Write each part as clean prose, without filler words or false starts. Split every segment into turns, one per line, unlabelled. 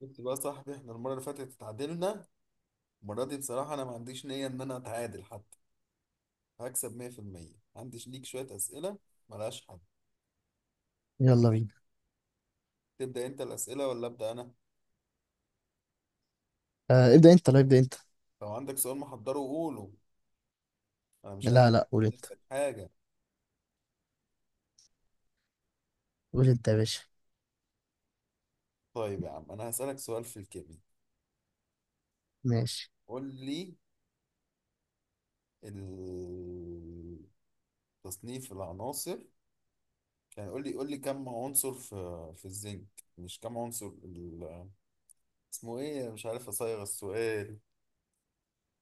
شفت بقى يا صاحبي، احنا المرة اللي فاتت اتعادلنا. المرة دي بصراحة أنا ما عنديش نية إن أنا أتعادل. حتى هكسب 100%. عندي ليك شوية أسئلة ملهاش حل.
يلا بينا.
تبدأ أنت الأسئلة ولا أبدأ أنا؟
ابدأ انت. لا، ابدأ انت.
لو عندك سؤال محضره قوله. أنا مش
لا،
عايز
لا، قول انت.
نفسك حاجة.
قول انت يا باشا.
طيب يا عم أنا هسألك سؤال في الكيمياء.
ماشي.
قول لي ال- تصنيف العناصر. يعني قول لي كم عنصر في الزنك. مش كم عنصر اسمه إيه؟ مش عارف أصيغ السؤال.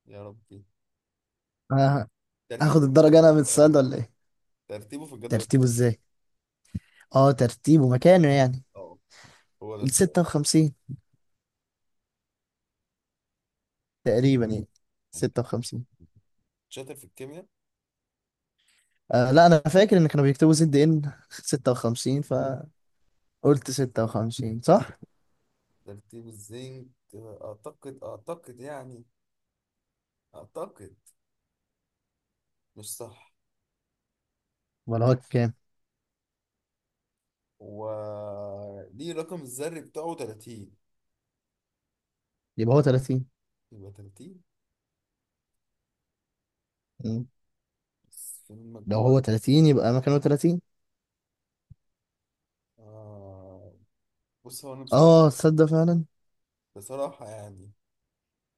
يا ربي.
آه هاخد
ترتيبه في
الدرجة
الجدول
انا من السؤال
الدوري.
ده ولا ايه؟
ترتيبه في الجدول
ترتيبه
الدوري.
ازاي؟ اه، مكانه يعني.
اه، هو ده
ال
السؤال.
56 تقريبا، يعني
انت
56.
شاطر في الكيمياء.
آه، لا انا فاكر ان كانوا بيكتبوا زد ان 56، فقلت 56 صح.
ترتيب الزنك اعتقد يعني، اعتقد. مش صح.
ولا هو كام؟
و ليه رقم الذري بتاعه 30
يبقى هو 30.
يبقى 30.
مم.
بس في
لو
المجموع.
هو 30 يبقى مكانه 30.
آه... بص هو انا بصراحة،
اه، تصدق فعلا.
يعني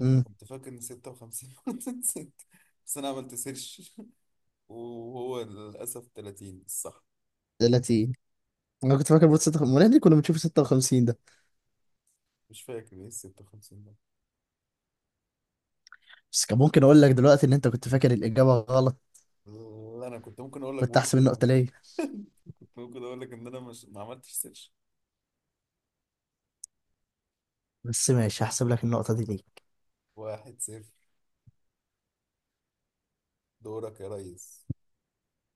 امم
كنت فاكر ان 56. نسيت. بس انا عملت سيرش. وهو للاسف 30 الصح.
30. انا كنت فاكر بوت 56، امال إحنا ليه كنا بنشوف 56 ده؟
مش فاكر ايه ال 56 ده.
بس كان ممكن اقول لك دلوقتي ان انت كنت فاكر الاجابه غلط.
لا، انا كنت ممكن اقول لك
كنت احسب
برضه.
النقطه ليا.
ممكن اقول لك ان انا مش، ما عملتش سيرش.
بس ماشي، هحسب لك النقطه دي ليك.
واحد صفر. دورك يا ريس.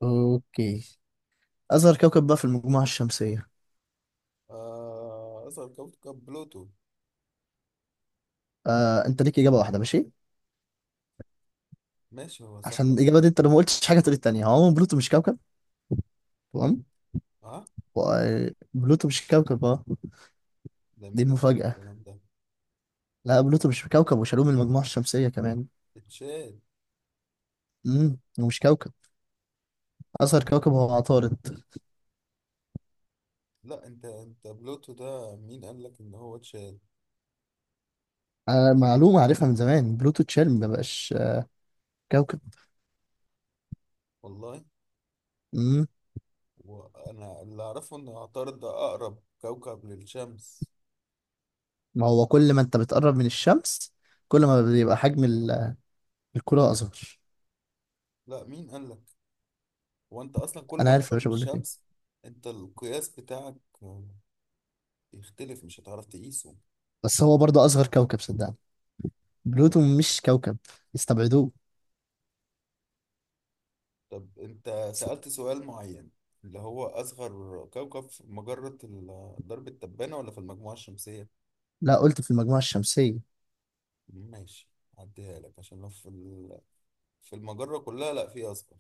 اوكي. اصغر كوكب بقى في المجموعه الشمسيه.
آه، اصغر كوكب بلوتو.
آه، انت ليك اجابه واحده، ماشي.
ماشي هو صح.
عشان الاجابه دي انت لو ما قلتش حاجه تقول التانيه. هو عموما بلوتو مش كوكب. تمام.
اه.
بلوتو مش كوكب، اه.
ده مين
دي
اللي قال لك
المفاجاه.
الكلام ده؟
لا، بلوتو مش كوكب وشالوه من المجموعه الشمسيه كمان.
اتشال.
ومش كوكب. اصغر كوكب هو عطارد.
لا، انت بلوتو ده مين قال لك ان هو اتشال؟
آه، معلومه عارفها من زمان، بلوتو اتشال، ما بقاش كوكب.
والله. وانا اللي اعرفه ان عطارد ده اقرب كوكب للشمس.
ما هو كل ما انت بتقرب من الشمس كل ما بيبقى حجم الكرة اصغر.
لا، مين قال لك؟ هو انت اصلا كل
انا
ما
عارف يا
تقرب
باشا، بقول لك
للشمس.
ايه.
انت القياس بتاعك، آه، يختلف. مش هتعرف تقيسه.
بس هو برضه اصغر كوكب، صدقني. بلوتو مش كوكب، استبعدوه.
طب انت
س-
سألت سؤال معين، اللي هو أصغر كوكب في مجرة درب التبانة ولا في المجموعة الشمسية؟
لا، قلت في المجموعة الشمسية.
ماشي. هعديها لك عشان لو في في المجرة كلها لا في أصغر.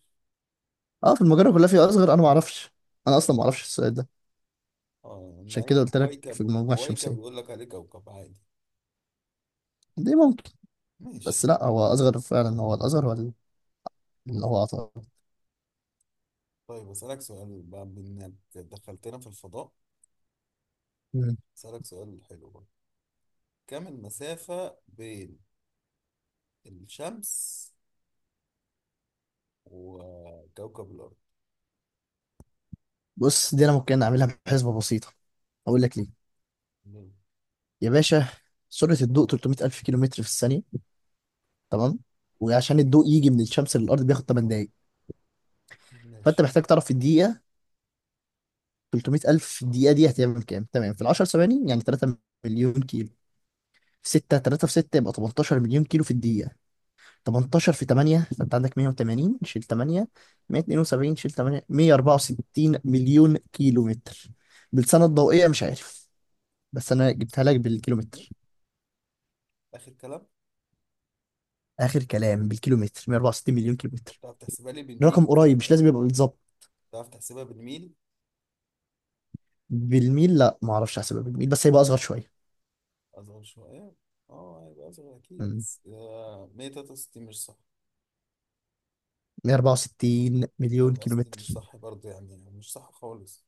اه، في المجرة كلها في اصغر، انا ما اعرفش. انا اصلا ما اعرفش السؤال ده.
اه، إن
عشان كده
أي
قلت لك في
كويكب،
المجموعة
كويكب
الشمسية.
يقول لك عليه كوكب عادي.
دي ممكن. بس
ماشي.
لا، هو اصغر فعلا، هو الاصغر، هو اللي هو عطارد.
طيب أسألك سؤال بقى بإنك دخلتنا في الفضاء.
مم.
أسألك سؤال حلو بقى. كم المسافة بين الشمس وكوكب الأرض؟
بص، دي انا ممكن اعملها بحسبة بسيطة. اقول لك ليه
مم.
يا باشا. سرعة الضوء 300 ألف كيلومتر في الثانية. تمام. وعشان الضوء يجي من الشمس للارض بياخد 8 دقايق. فانت
ماشي.
محتاج تعرف في الدقيقه، 300 الف دقيقه دي هتعمل كام. تمام، في ال 10 ثواني يعني 3 مليون كيلو. في 6، 3 في 6 يبقى 18 مليون كيلو في الدقيقه. 18 في 8، فانت عندك 180، شيل 8، 172، شيل 8، 164 مليون كيلو متر. بالسنه الضوئيه مش عارف، بس انا جبتها لك بالكيلومتر.
اخر كلام.
اخر كلام بالكيلومتر 164 مليون كيلو
طب
متر.
بتعرف تحسبها لي بالميل
رقم
بسرعه
قريب، مش
كده؟
لازم يبقى بالظبط.
بتعرف تحسبها بالميل؟
بالميل، لا ما اعرفش احسبها بالميل، بس هيبقى اصغر شويه.
اصغر شويه. اه، هيبقى اصغر اكيد
مم.
بس، 163 مش صح؟
164 مليون
164
كيلومتر.
مش صح برضه، يعني مش صح خالص.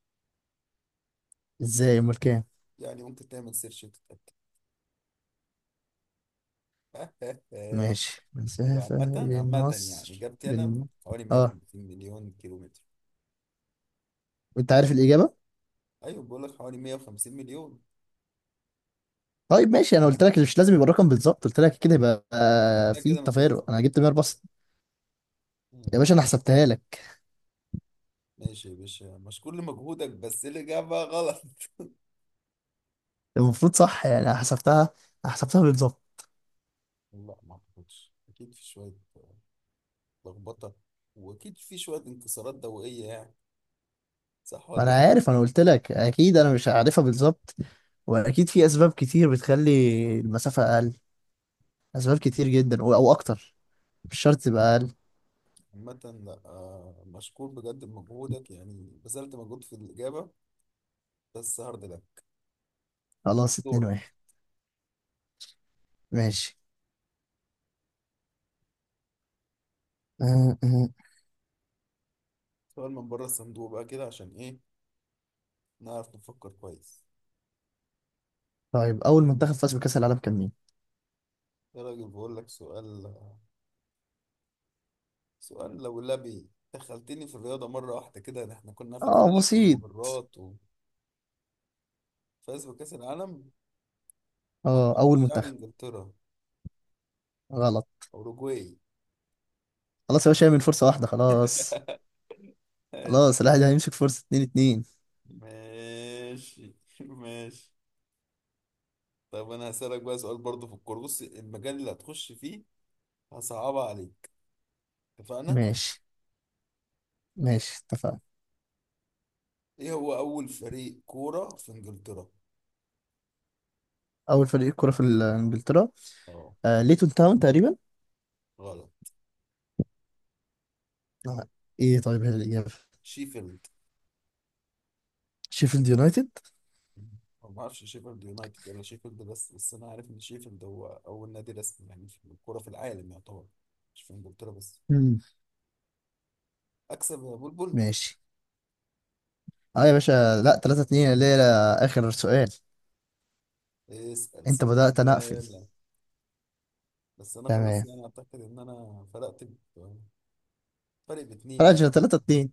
ازاي؟ امال كام؟
يعني ممكن تعمل سيرش وتتاكد.
ماشي،
هو عامة،
مسافة بين
عامة يعني
مصر
إجابتي أنا
بين.
حوالي
اه،
150 مليون كيلو متر.
انت عارف الإجابة.
أيوة، بقول لك حوالي 150 مليون.
طيب ماشي، انا قلت لك مش لازم يبقى الرقم بالظبط، قلت لك كده، يبقى
ده
في
كده مجاز.
تفارق، انا جبت 164.
مم.
يا باشا انا حسبتها لك.
ماشي يا باشا، مشكور لمجهودك بس الإجابة غلط.
المفروض صح، يعني أنا حسبتها، حسبتها بالظبط.
لا، ما أعتقدش. أكيد في شوية لخبطه، واكيد في شويه انكسارات دوائيه يعني. صح
ما
ولا
انا
ايه؟
عارف، انا قلت لك اكيد انا مش عارفها بالظبط. واكيد في اسباب كتير بتخلي المسافة اقل. اسباب كتير جدا، او اكتر، مش شرط تبقى اقل.
عامه، لا. مشكور بجد بمجهودك يعني. بذلت مجهود في الاجابه. بس هارد لك.
خلاص، 2
دورك.
1 ماشي.
سؤال من بره الصندوق بقى كده، عشان ايه نعرف نفكر كويس.
طيب، اول منتخب فاز بكاس العالم كان مين؟
يا راجل بقول لك سؤال، سؤال. لو لبي دخلتني في الرياضه مره واحده كده، ده احنا كنا في
اه
الفلك
بسيط.
والمجرات. وفاز بكاس العالم.
اه،
اعتقد
اول
يعني
منتخب.
انجلترا.
غلط.
اوروجواي.
خلاص يا باشا، من فرصه واحده خلاص.
ماشي.
خلاص، الواحد هيمسك فرصه اتنين اتنين.
ماشي. ماشي. طب انا هسألك بقى سؤال برضه في الكورة. بص المجال اللي هتخش فيه، هصعبها عليك. اتفقنا؟
ماشي، ماشي، اتفقنا.
ايه هو أول فريق كورة في انجلترا؟
اول فريق كرة في انجلترا.
اه.
آه، ليتون تاون تقريبا.
غلط.
آه. ايه طيب هي الاجابه؟
شيفيلد.
شيفيلد يونايتد.
أنا ما اعرفش شيفيلد يونايتد ولا شيفيلد، بس انا عارف ان شيفيلد هو اول نادي رسمي يعني في الكورة في العالم يعتبر. مش في انجلترا بس.
مم.
اكسب يا بلبل.
ماشي. اه يا باشا لا، 3-2 اللي هي اخر سؤال.
اسأل
انت بدأت، انا اقفل.
سؤال. بس انا خلاص
تمام.
يعني اعتقد ان انا فرقت. ب- فرق باتنين.
راجع، 3-2،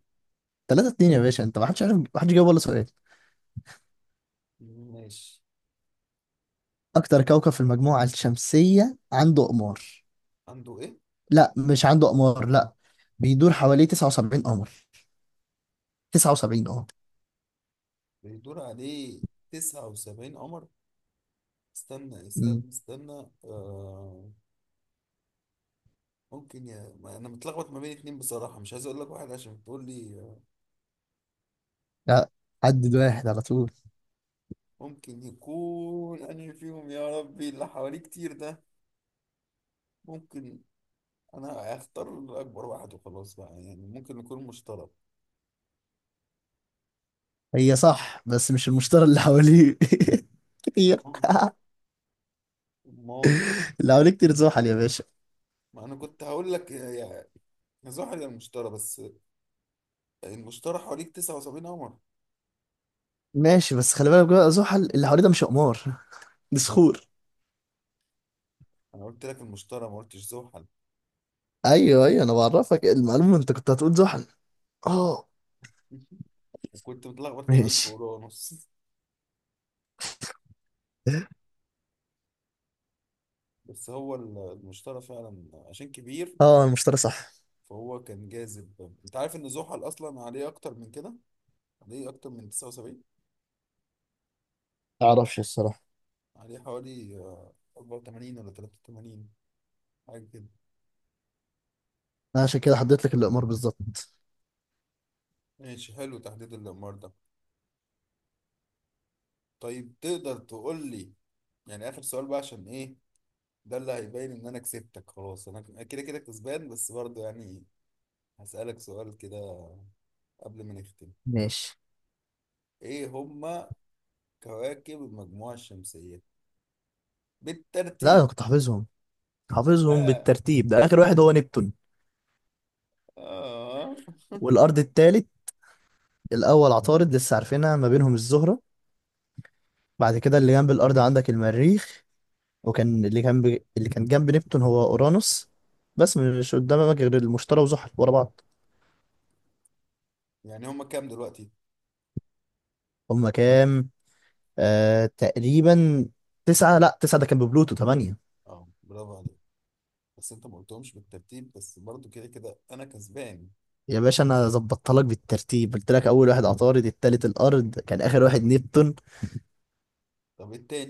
3-2 يا باشا. انت ما حدش عارف، ما حدش جاوب ولا سؤال.
ماشي.
أكتر كوكب في المجموعة الشمسية عنده أقمار.
عنده ايه؟
لا مش عنده أقمار، لا. بيدور حواليه 79 قمر. 79، اه.
بيدور عليه 79 قمر. استنى
مم.
استنى استنى، ممكن. يا ما انا متلخبط ما بين اتنين بصراحة. مش عايز اقول لك واحد عشان تقول لي،
لا، عدد واحد على طول.
ممكن يكون انهي فيهم. يا ربي اللي حواليه كتير ده. ممكن انا هختار اكبر واحد وخلاص بقى، يعني ممكن يكون مشترك.
هي صح بس مش المشتري اللي حواليه كتير.
امال. أمال.
اللي حواليه كتير زحل يا باشا.
ما انا كنت هقول لك يا زحل يا المشتري. بس المشتري حواليك 79 قمر.
ماشي، بس خلي بالك بقى، زحل اللي حواليه ده مش أقمار، دي صخور.
انا قلت لك المشتري، ما قلتش زحل.
أيوه، أيوه، أنا بعرفك المعلومة، أنت كنت هتقول زحل. اه.
وكنت متلخبط كمان في
ماشي.
فروع ونص. بس هو المشترى فعلا عشان كبير.
اه، المشتري صح.
فهو كان جاذب. انت عارف ان زحل اصلا عليه اكتر من كده. عليه اكتر من 79.
معرفش الصراحة.
عليه حوالي، 84 ولا 83، حاجه كده.
أنا عشان كده حددت لك الأقمار بالظبط.
ماشي، حلو تحديد الامار ده. طيب تقدر تقول لي يعني اخر سؤال بقى عشان ايه؟ ده اللي هيبين ان انا كسبتك. خلاص انا كده كده كسبان بس برضه يعني، هسألك سؤال كده قبل ما نختم.
ماشي.
ايه هما كواكب المجموعة الشمسية
لا انا
بالترتيب؟
كنت حافظهم، حافظهم
آه.
بالترتيب. ده اخر واحد هو نبتون.
آه.
والارض التالت. الاول عطارد لسه عارفينها، ما بينهم الزهره. بعد كده اللي جنب الارض عندك المريخ. وكان اللي كان ب... اللي كان جنب نبتون هو اورانوس. بس مش قدامك غير المشتري وزحل ورا بعض.
يعني هما كام دلوقتي؟
هما كام؟ تقريبا، تسعة، لا تسعة ده كان ببلوتو، تمانية.
اه، برافو عليك. بس انت ما قلتهمش بالترتيب، بس برضو كده كده انا كسبان.
يا باشا انا ظبطت لك بالترتيب، قلت لك اول واحد عطارد، التالت الارض، كان اخر واحد نبتون.
طب التاني.